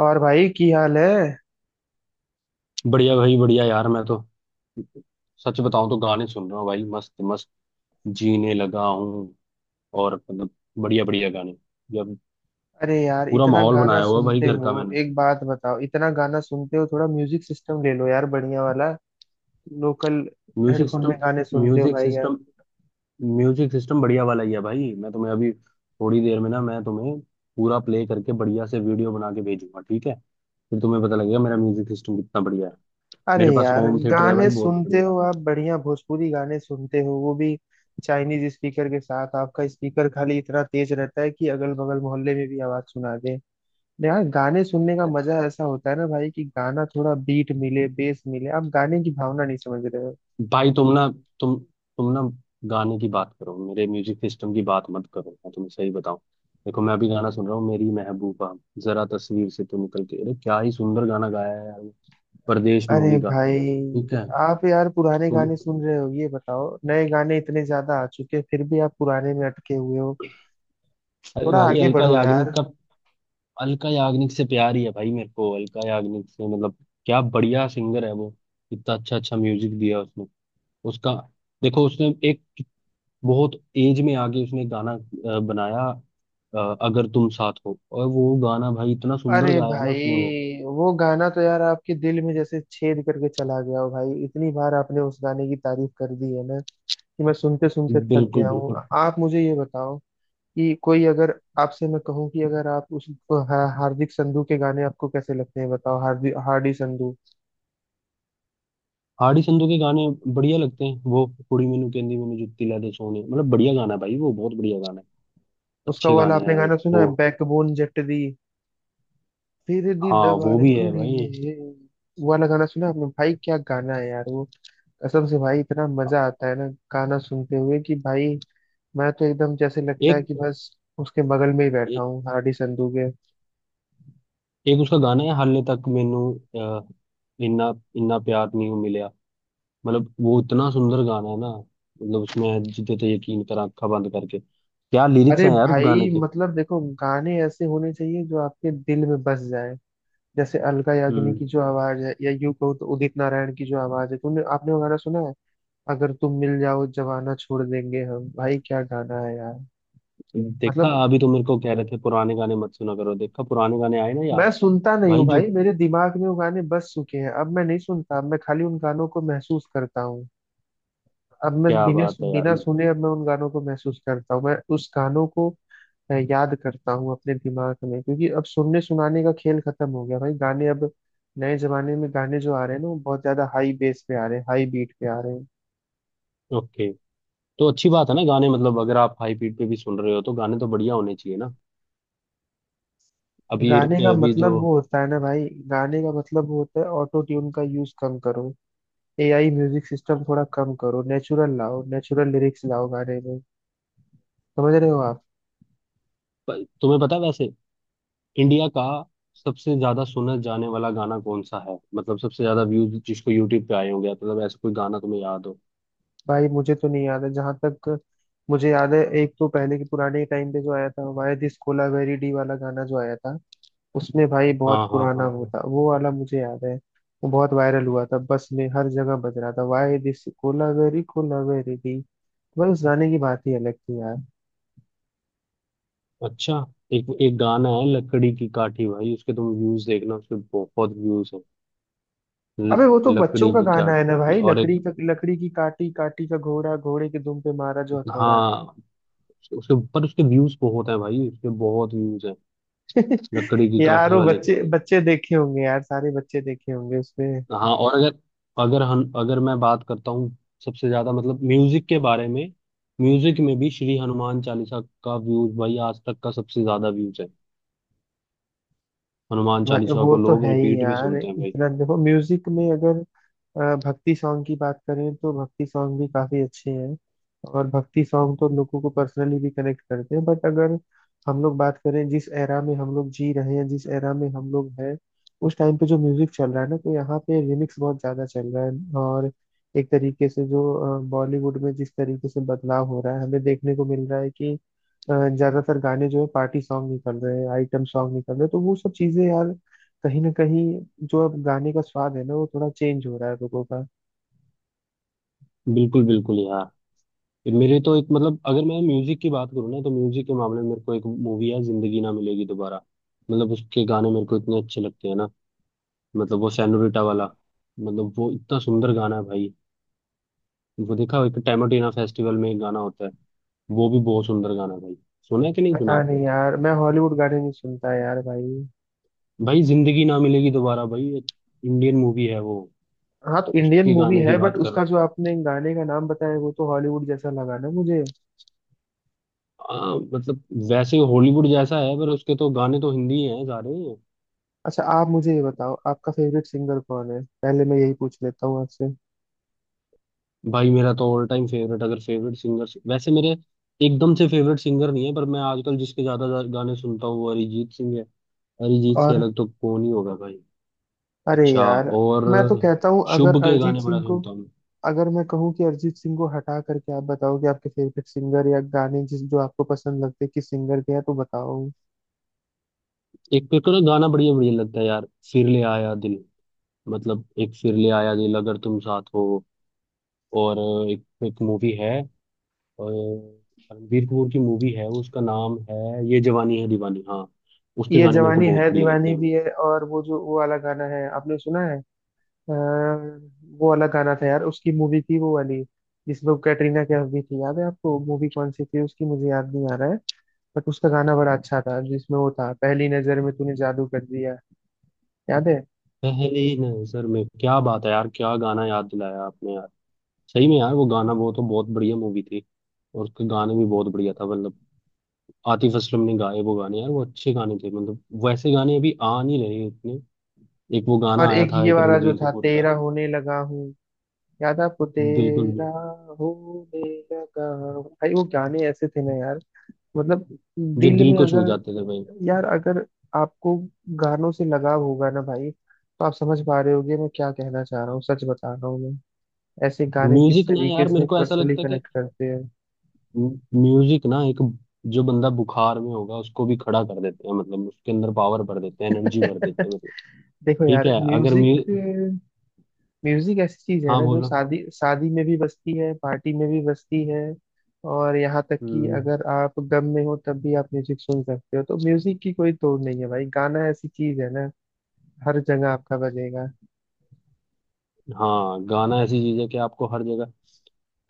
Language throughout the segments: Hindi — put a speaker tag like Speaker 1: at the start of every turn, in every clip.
Speaker 1: और भाई की हाल है।
Speaker 2: बढ़िया भाई, बढ़िया यार। मैं तो सच बताऊं तो गाने सुन रहा हूँ भाई। मस्त मस्त जीने लगा हूँ। और मतलब बढ़िया बढ़िया गाने। जब
Speaker 1: अरे यार,
Speaker 2: पूरा
Speaker 1: इतना
Speaker 2: माहौल
Speaker 1: गाना
Speaker 2: बनाया हुआ है भाई,
Speaker 1: सुनते
Speaker 2: घर
Speaker 1: हो?
Speaker 2: का मैंने।
Speaker 1: एक बात बताओ, इतना गाना सुनते हो, थोड़ा म्यूजिक सिस्टम ले लो यार, बढ़िया वाला लोकल।
Speaker 2: म्यूजिक
Speaker 1: हेडफोन में
Speaker 2: सिस्टम
Speaker 1: गाने सुनते हो
Speaker 2: म्यूजिक
Speaker 1: भाई यार?
Speaker 2: सिस्टम म्यूजिक सिस्टम बढ़िया वाला ही है भाई। मैं तुम्हें अभी थोड़ी देर में ना, मैं तुम्हें पूरा प्ले करके बढ़िया से वीडियो बना के भेजूंगा, ठीक है। फिर तुम्हें पता लगेगा मेरा म्यूजिक सिस्टम कितना बढ़िया है।
Speaker 1: अरे
Speaker 2: मेरे पास
Speaker 1: यार,
Speaker 2: होम थिएटर है भाई,
Speaker 1: गाने
Speaker 2: बहुत
Speaker 1: सुनते
Speaker 2: बढ़िया।
Speaker 1: हो आप, बढ़िया भोजपुरी गाने सुनते हो, वो भी चाइनीज स्पीकर के साथ। आपका स्पीकर खाली इतना तेज रहता है कि अगल बगल मोहल्ले में भी आवाज सुना दे। यार, गाने सुनने का मजा ऐसा होता है ना भाई कि गाना थोड़ा बीट मिले, बेस मिले। आप गाने की भावना नहीं समझ रहे हो।
Speaker 2: भाई तुम तुम ना गाने की बात करो, मेरे म्यूजिक सिस्टम की बात मत करो। मैं तुम्हें सही बताऊं, देखो मैं अभी गाना सुन रहा हूँ, मेरी महबूबा, जरा तस्वीर से तू निकल के। अरे क्या ही सुंदर गाना गाया है यार, परदेश
Speaker 1: अरे
Speaker 2: मूवी का।
Speaker 1: भाई,
Speaker 2: ठीक है।
Speaker 1: आप यार पुराने
Speaker 2: तुम
Speaker 1: गाने सुन रहे हो, ये बताओ नए गाने इतने ज्यादा आ चुके हैं फिर भी आप पुराने में अटके हुए हो।
Speaker 2: अरे
Speaker 1: थोड़ा
Speaker 2: भाई,
Speaker 1: आगे
Speaker 2: अलका
Speaker 1: बढ़ो यार।
Speaker 2: याग्निक का। अलका याग्निक से प्यार ही है भाई, मेरे को अलका याग्निक से, मतलब क्या बढ़िया सिंगर है वो। इतना अच्छा अच्छा म्यूजिक दिया उसने। उसका, देखो उसने एक बहुत एज में आके उसने गाना बनाया। अगर तुम साथ हो, और वो गाना भाई इतना सुंदर
Speaker 1: अरे
Speaker 2: गाया ना उसने वो।
Speaker 1: भाई, वो गाना तो यार आपके दिल में जैसे छेद करके चला गया हो भाई, इतनी बार आपने उस गाने की तारीफ कर दी है ना कि मैं सुनते सुनते थक
Speaker 2: बिल्कुल
Speaker 1: गया हूँ।
Speaker 2: बिल्कुल।
Speaker 1: आप मुझे ये बताओ कि कोई अगर आपसे मैं कहूँ कि अगर आप उस हार्दिक संधू के गाने आपको कैसे लगते हैं? बताओ, हार्दिक, हार्डी संधू।
Speaker 2: हाड़ी संधू के गाने बढ़िया लगते हैं, वो कुड़ी मैनू कहंदी मैनू जुत्ती ला दे सोने, मतलब बढ़िया गाना है भाई, वो बहुत बढ़िया गाना है।
Speaker 1: उसका
Speaker 2: अच्छे
Speaker 1: वो वाला
Speaker 2: गाने
Speaker 1: आपने
Speaker 2: हैं एक
Speaker 1: गाना सुना
Speaker 2: वो।
Speaker 1: है? बैकबोन जट दी, तेरे
Speaker 2: हाँ वो
Speaker 1: दीदवार
Speaker 2: भी है भाई।
Speaker 1: कुड़िए। वो वाला गाना सुना आपने भाई? क्या गाना है यार वो! कसम से भाई, इतना मजा आता है ना गाना सुनते हुए कि भाई मैं तो एकदम जैसे लगता है
Speaker 2: एक
Speaker 1: कि बस उसके बगल में ही बैठा
Speaker 2: एक,
Speaker 1: हूँ, हार्डी संधू के।
Speaker 2: एक उसका गाना है, हाले तक मैनू, अ, इन्ना इन्ना प्यार नहीं मिला। मतलब वो इतना सुंदर गाना है ना, मतलब उसमें जीते थे यकीन कर आंखा बंद करके, क्या लिरिक्स
Speaker 1: अरे
Speaker 2: हैं यार उस गाने
Speaker 1: भाई,
Speaker 2: के।
Speaker 1: मतलब देखो गाने ऐसे होने चाहिए जो आपके दिल में बस जाए, जैसे अलका याग्निक की
Speaker 2: हम्म।
Speaker 1: जो आवाज है, या यूं कहो तो उदित नारायण की जो आवाज है। तुमने आपने वो गाना सुना है, अगर तुम मिल जाओ, जवाना छोड़ देंगे हम? भाई क्या गाना है यार!
Speaker 2: देखा,
Speaker 1: मतलब
Speaker 2: अभी तो मेरे को कह रहे थे पुराने गाने मत सुना करो, देखा पुराने गाने आए ना यार।
Speaker 1: मैं सुनता नहीं
Speaker 2: भाई
Speaker 1: हूँ
Speaker 2: जो
Speaker 1: भाई, मेरे दिमाग में वो गाने बस चुके हैं, अब मैं नहीं सुनता, अब मैं खाली उन गानों को महसूस करता हूँ। अब मैं
Speaker 2: क्या
Speaker 1: बिना
Speaker 2: बात है यार।
Speaker 1: बिना सुने अब मैं उन गानों को महसूस करता हूँ, मैं उस गानों को याद करता हूँ अपने दिमाग में, क्योंकि अब सुनने सुनाने का खेल खत्म हो गया भाई। गाने अब, नए जमाने में गाने जो आ रहे हैं ना, वो बहुत ज्यादा हाई बेस पे आ रहे हैं, हाई बीट पे आ रहे हैं।
Speaker 2: ओके, तो अच्छी बात है ना गाने, मतलब अगर आप हाई पीट पे भी सुन रहे हो तो गाने तो बढ़िया होने चाहिए ना। अब ये
Speaker 1: गाने का
Speaker 2: अभी जो
Speaker 1: मतलब वो होता है ना भाई, गाने का मतलब वो होता है, ऑटो ट्यून का यूज कम करो, एआई म्यूजिक सिस्टम थोड़ा कम करो, नेचुरल लाओ, नेचुरल लिरिक्स लाओ गाने में। समझ रहे हो आप?
Speaker 2: प- तुम्हें पता है वैसे, इंडिया का सबसे ज्यादा सुना जाने वाला गाना कौन सा है, मतलब सबसे ज्यादा व्यूज जिसको यूट्यूब पे आए होंगे, मतलब ऐसा कोई गाना तुम्हें याद हो।
Speaker 1: भाई मुझे तो नहीं याद है, जहां तक मुझे याद है एक तो पहले के पुराने टाइम पे जो आया था, वाया दिस कोलावेरी डी वाला गाना जो आया था, उसमें भाई बहुत
Speaker 2: हाँ हाँ
Speaker 1: पुराना
Speaker 2: हाँ हाँ।
Speaker 1: होता, वो वाला मुझे याद है। वो बहुत वायरल हुआ था, बस में हर जगह बज रहा था, वाया दिस कोलावेरी कोलावेरी डी। भाई उस गाने की बात ही अलग थी यार।
Speaker 2: अच्छा, एक एक गाना है लकड़ी की काठी भाई, उसके तुम व्यूज देखना, उसके बहुत व्यूज है।
Speaker 1: अबे वो तो बच्चों
Speaker 2: लकड़ी
Speaker 1: का
Speaker 2: की
Speaker 1: गाना है ना
Speaker 2: काठी
Speaker 1: भाई,
Speaker 2: और एक।
Speaker 1: लकड़ी की काटी, काटी का घोड़ा, घोड़े के दुम पे मारा जो हथौड़ा।
Speaker 2: हाँ, उसके ऊपर उसके व्यूज बहुत है भाई, उसके बहुत व्यूज है, लकड़ी की
Speaker 1: यार
Speaker 2: काठी
Speaker 1: वो
Speaker 2: वाले के।
Speaker 1: बच्चे बच्चे देखे होंगे यार, सारे बच्चे देखे होंगे उसमें।
Speaker 2: हाँ, और अगर अगर हम अगर मैं बात करता हूँ सबसे ज्यादा, मतलब म्यूजिक के बारे में। म्यूजिक में भी श्री हनुमान चालीसा का व्यूज भाई आज तक का सबसे ज्यादा व्यूज है। हनुमान
Speaker 1: भाई
Speaker 2: चालीसा
Speaker 1: वो
Speaker 2: को
Speaker 1: तो
Speaker 2: लोग
Speaker 1: है ही
Speaker 2: रिपीट में
Speaker 1: यार।
Speaker 2: सुनते हैं भाई।
Speaker 1: इतना देखो म्यूजिक में अगर अ, भक्ति सॉन्ग की बात करें तो भक्ति सॉन्ग भी काफी अच्छे हैं, और भक्ति सॉन्ग तो लोगों को पर्सनली भी कनेक्ट करते हैं। बट अगर हम लोग बात करें जिस एरा में हम लोग जी रहे हैं, जिस एरा में हम लोग हैं, उस टाइम पे जो म्यूजिक चल रहा है ना, तो यहाँ पे रिमिक्स बहुत ज्यादा चल रहा है। और एक तरीके से जो बॉलीवुड में जिस तरीके से बदलाव हो रहा है, हमें देखने को मिल रहा है कि ज्यादातर गाने जो है पार्टी सॉन्ग निकल रहे हैं, आइटम सॉन्ग निकल रहे हैं। तो वो सब चीजें यार कहीं ना कहीं, जो अब गाने का स्वाद है ना, वो थोड़ा चेंज हो रहा है लोगों का।
Speaker 2: बिल्कुल बिल्कुल यार। मेरे तो एक, मतलब अगर मैं म्यूजिक की बात करूँ ना, तो म्यूजिक के मामले में मेरे को एक मूवी है, जिंदगी ना मिलेगी दोबारा। मतलब उसके गाने मेरे को इतने अच्छे लगते हैं ना, मतलब वो सेनोरिटा वाला, मतलब वो इतना सुंदर गाना है भाई। वो देखा हो, एक टैमाटीना फेस्टिवल में एक गाना होता है, वो भी बहुत सुंदर गाना है भाई। सुना है कि नहीं सुना
Speaker 1: पता
Speaker 2: आपने।
Speaker 1: नहीं यार, मैं हॉलीवुड गाने नहीं सुनता यार भाई।
Speaker 2: भाई जिंदगी ना मिलेगी दोबारा भाई, एक इंडियन मूवी है वो।
Speaker 1: हाँ तो इंडियन
Speaker 2: उसके
Speaker 1: मूवी
Speaker 2: गाने
Speaker 1: है,
Speaker 2: की
Speaker 1: बट
Speaker 2: बात कर रहा
Speaker 1: उसका
Speaker 2: हूँ।
Speaker 1: जो आपने गाने का नाम बताया वो तो हॉलीवुड जैसा लगा ना मुझे।
Speaker 2: हाँ, मतलब वैसे हॉलीवुड जैसा है, पर उसके तो गाने तो हिंदी हैं सारे।
Speaker 1: अच्छा आप मुझे ये बताओ, आपका फेवरेट सिंगर कौन है? पहले मैं यही पूछ लेता हूँ आपसे।
Speaker 2: भाई मेरा तो ऑल टाइम फेवरेट, अगर फेवरेट सिंगर, वैसे मेरे एकदम से फेवरेट सिंगर नहीं है, पर मैं आजकल जिसके ज्यादा गाने सुनता हूँ वो अरिजीत सिंह है। अरिजीत से
Speaker 1: और
Speaker 2: अलग तो कौन ही होगा भाई।
Speaker 1: अरे
Speaker 2: अच्छा,
Speaker 1: यार,
Speaker 2: और
Speaker 1: मैं तो कहता हूँ अगर
Speaker 2: शुभ के
Speaker 1: अरिजीत
Speaker 2: गाने बड़ा
Speaker 1: सिंह को,
Speaker 2: सुनता हूँ।
Speaker 1: अगर मैं कहूँ कि अरिजीत सिंह को हटा करके आप बताओ कि आपके फेवरेट सिंगर या गाने जिस जो आपको पसंद लगते हैं, किस सिंगर के हैं, तो बताओ।
Speaker 2: एक पे तो ना गाना बढ़िया बढ़िया लगता है यार, फिर ले आया दिल। मतलब एक फिर ले आया दिल, अगर तुम साथ हो। और एक, एक मूवी है, और रणबीर कपूर की मूवी है, उसका नाम है ये जवानी है दीवानी, हाँ। उसके
Speaker 1: ये
Speaker 2: गाने मेरे को
Speaker 1: जवानी
Speaker 2: बहुत
Speaker 1: है
Speaker 2: बढ़िया लगते
Speaker 1: दीवानी भी
Speaker 2: हैं।
Speaker 1: है, और वो जो वो वाला गाना है आपने सुना है? अ, वो वाला गाना था यार, उसकी मूवी थी वो वाली जिसमें वो कैटरीना कैफ भी थी, याद है आपको? मूवी कौन सी थी उसकी मुझे याद नहीं आ रहा है। बट उसका गाना बड़ा अच्छा था, जिसमें वो था, पहली नजर में तूने जादू कर दिया, याद है?
Speaker 2: पहली नजर में, क्या बात है यार, क्या गाना याद दिलाया आपने यार। सही में यार वो गाना, वो तो बहुत बढ़िया मूवी थी, और उसके गाने भी बहुत बढ़िया था, मतलब आतिफ असलम ने गाए वो गाने यार, वो अच्छे गाने थे। मतलब वैसे गाने अभी आ नहीं रहे इतने। एक वो गाना
Speaker 1: और
Speaker 2: आया
Speaker 1: एक
Speaker 2: था,
Speaker 1: ये
Speaker 2: एक
Speaker 1: वाला जो
Speaker 2: रणबीर
Speaker 1: था,
Speaker 2: कपूर का।
Speaker 1: तेरा होने लगा हूँ, याद है आपको?
Speaker 2: बिल्कुल भी,
Speaker 1: तेरा होने लगा हूँ भाई, वो गाने ऐसे थे ना यार, मतलब
Speaker 2: जो
Speaker 1: दिल
Speaker 2: दिल
Speaker 1: में
Speaker 2: को छू
Speaker 1: अगर।
Speaker 2: जाते थे भाई।
Speaker 1: यार अगर आपको गानों से लगाव होगा ना भाई, तो आप समझ पा रहे होगे मैं क्या कहना चाह रहा हूँ, सच बता रहा हूँ मैं, ऐसे गाने किस
Speaker 2: म्यूजिक ना
Speaker 1: तरीके
Speaker 2: यार,
Speaker 1: से
Speaker 2: मेरे को ऐसा
Speaker 1: पर्सनली
Speaker 2: लगता है कि
Speaker 1: कनेक्ट करते हैं।
Speaker 2: म्यूजिक ना एक, जो बंदा बुखार में होगा उसको भी खड़ा कर देते हैं, मतलब उसके अंदर पावर भर देते हैं, एनर्जी भर देते हैं। मतलब
Speaker 1: देखो
Speaker 2: ठीक
Speaker 1: यार
Speaker 2: है, अगर
Speaker 1: म्यूजिक,
Speaker 2: म्यू
Speaker 1: म्यूजिक ऐसी चीज है
Speaker 2: हाँ
Speaker 1: ना जो
Speaker 2: बोलो।
Speaker 1: शादी शादी में भी बजती है, पार्टी में भी बजती है, और यहाँ तक कि
Speaker 2: हम्म।
Speaker 1: अगर आप गम में हो तब भी आप म्यूजिक सुन सकते हो। तो म्यूजिक की कोई तोड़ नहीं है भाई, गाना ऐसी चीज है ना, हर जगह आपका बजेगा।
Speaker 2: हाँ, गाना ऐसी चीज है कि आपको हर जगह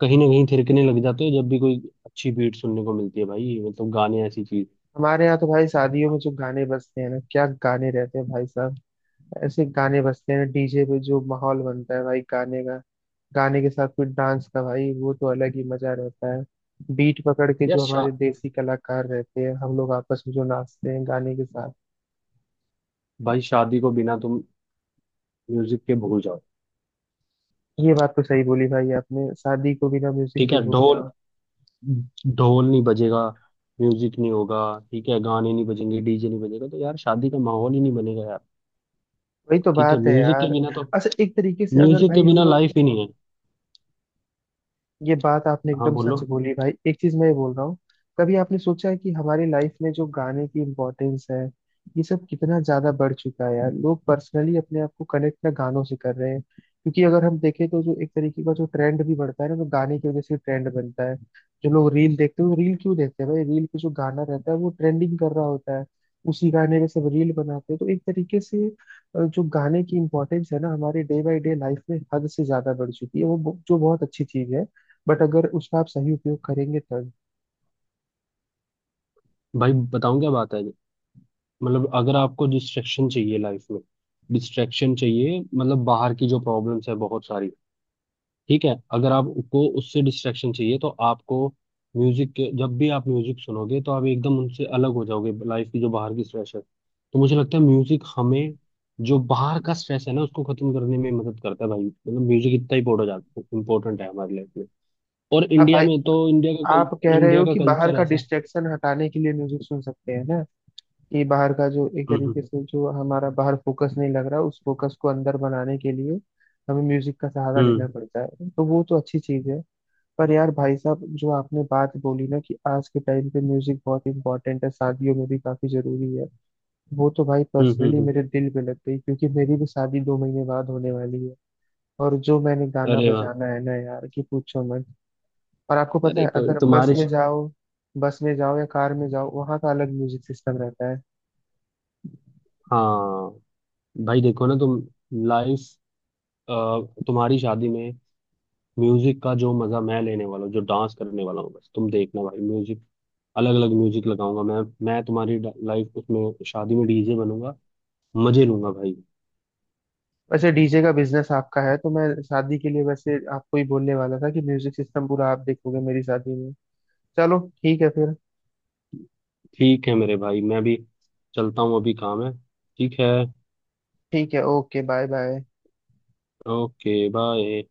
Speaker 2: कहीं ना कहीं थिरकने लग जाते हो जब भी कोई अच्छी बीट सुनने को मिलती है भाई, मतलब गाने ऐसी चीज।
Speaker 1: हमारे यहाँ तो भाई शादियों में जो गाने बजते हैं ना, क्या गाने रहते हैं भाई साहब! ऐसे गाने बजते हैं डीजे पे, जो माहौल बनता है भाई गाने का, गाने के साथ कोई डांस का, भाई वो तो अलग ही मजा रहता है। बीट पकड़ के
Speaker 2: यार
Speaker 1: जो
Speaker 2: शा,
Speaker 1: हमारे देसी कलाकार रहते हैं, हम लोग आपस में जो नाचते हैं गाने के साथ।
Speaker 2: भाई शादी को बिना तुम म्यूजिक के भूल जाओ।
Speaker 1: ये बात तो सही बोली भाई आपने, शादी को बिना म्यूजिक
Speaker 2: ठीक
Speaker 1: के
Speaker 2: है,
Speaker 1: भूल
Speaker 2: ढोल,
Speaker 1: जाओ।
Speaker 2: ढोल नहीं बजेगा, म्यूजिक नहीं होगा, ठीक है, गाने नहीं बजेंगे, डीजे नहीं बजेगा, तो यार शादी का माहौल ही नहीं बनेगा यार।
Speaker 1: वही तो
Speaker 2: ठीक है
Speaker 1: बात है
Speaker 2: म्यूजिक के
Speaker 1: यार।
Speaker 2: बिना तो,
Speaker 1: अच्छा एक तरीके से अगर
Speaker 2: म्यूजिक के
Speaker 1: भाई हम
Speaker 2: बिना
Speaker 1: लोग,
Speaker 2: लाइफ ही नहीं है।
Speaker 1: ये बात आपने
Speaker 2: हाँ
Speaker 1: एकदम
Speaker 2: बोलो।
Speaker 1: सच बोली भाई, एक चीज मैं ये बोल रहा हूँ, कभी आपने सोचा है कि हमारी लाइफ में जो गाने की इम्पोर्टेंस है, ये सब कितना ज्यादा बढ़ चुका है यार? लोग पर्सनली अपने आप को कनेक्ट ना गानों से कर रहे हैं, क्योंकि अगर हम देखें तो जो एक तरीके का जो ट्रेंड भी बढ़ता है ना, तो गाने की वजह से ट्रेंड बनता है। जो लोग रील देखते हैं, वो रील क्यों देखते हैं भाई? रील पे जो गाना रहता है वो ट्रेंडिंग कर रहा होता है, उसी गाने पे सब रील बनाते हैं। तो एक तरीके से जो गाने की इम्पोर्टेंस है ना हमारे डे बाय डे लाइफ में, हद से ज्यादा बढ़ चुकी है, वो जो बहुत अच्छी चीज है, बट अगर उसका आप सही उपयोग करेंगे तब।
Speaker 2: भाई बताऊं क्या बात है, मतलब अगर आपको डिस्ट्रैक्शन चाहिए लाइफ में, डिस्ट्रैक्शन चाहिए, मतलब बाहर की जो प्रॉब्लम्स है बहुत सारी, ठीक है अगर आपको उससे डिस्ट्रैक्शन चाहिए तो आपको म्यूजिक के, जब भी आप म्यूजिक सुनोगे तो आप एकदम उनसे अलग हो जाओगे, लाइफ की जो बाहर की स्ट्रेस है। तो मुझे लगता है म्यूजिक हमें जो बाहर का स्ट्रेस है ना, उसको खत्म करने में मदद करता है भाई, मतलब म्यूजिक इतना ही इंपॉर्टेंट है हमारी लाइफ में। और
Speaker 1: आप
Speaker 2: इंडिया
Speaker 1: आई-
Speaker 2: में तो, इंडिया का कल,
Speaker 1: आप कह रहे
Speaker 2: इंडिया
Speaker 1: हो
Speaker 2: का
Speaker 1: कि बाहर
Speaker 2: कल्चर
Speaker 1: का
Speaker 2: ऐसा।
Speaker 1: डिस्ट्रैक्शन हटाने के लिए म्यूजिक सुन सकते हैं ना, कि बाहर का जो एक
Speaker 2: हम्म।
Speaker 1: तरीके से जो हमारा बाहर फोकस नहीं लग रहा, उस फोकस को अंदर बनाने के लिए हमें म्यूजिक का सहारा लेना
Speaker 2: हम्म
Speaker 1: पड़ता है, तो वो तो अच्छी चीज है। पर यार भाई साहब, जो आपने बात बोली ना कि आज के टाइम पे म्यूजिक बहुत इंपॉर्टेंट है, शादियों में भी काफी जरूरी है, वो तो भाई
Speaker 2: हम्म।
Speaker 1: पर्सनली मेरे दिल पे लग गई, क्योंकि मेरी भी शादी 2 महीने बाद होने वाली है। और जो मैंने गाना
Speaker 2: अरे वाह।
Speaker 1: बजाना है ना यार, कि पूछो मत! और आपको पता
Speaker 2: अरे
Speaker 1: है,
Speaker 2: कोई
Speaker 1: अगर बस
Speaker 2: तुम्हारे,
Speaker 1: में जाओ, या कार में जाओ, वहाँ का अलग म्यूजिक सिस्टम रहता है।
Speaker 2: हाँ भाई, देखो ना तुम, लाइफ, तुम्हारी शादी में म्यूजिक का जो मजा मैं लेने वाला हूँ, जो डांस करने वाला हूँ, बस तुम देखना भाई। म्यूजिक, अलग अलग म्यूजिक लगाऊंगा मैं तुम्हारी लाइफ उसमें, शादी में डीजे बनूंगा, मजे लूंगा भाई।
Speaker 1: वैसे डीजे का बिजनेस आपका है, तो मैं शादी के लिए वैसे आपको ही बोलने वाला था कि म्यूजिक सिस्टम पूरा आप देखोगे मेरी शादी में। चलो ठीक है फिर।
Speaker 2: ठीक है मेरे भाई, मैं भी चलता हूँ अभी काम है, ठीक है।
Speaker 1: ठीक है, okay, bye bye.
Speaker 2: Okay bye.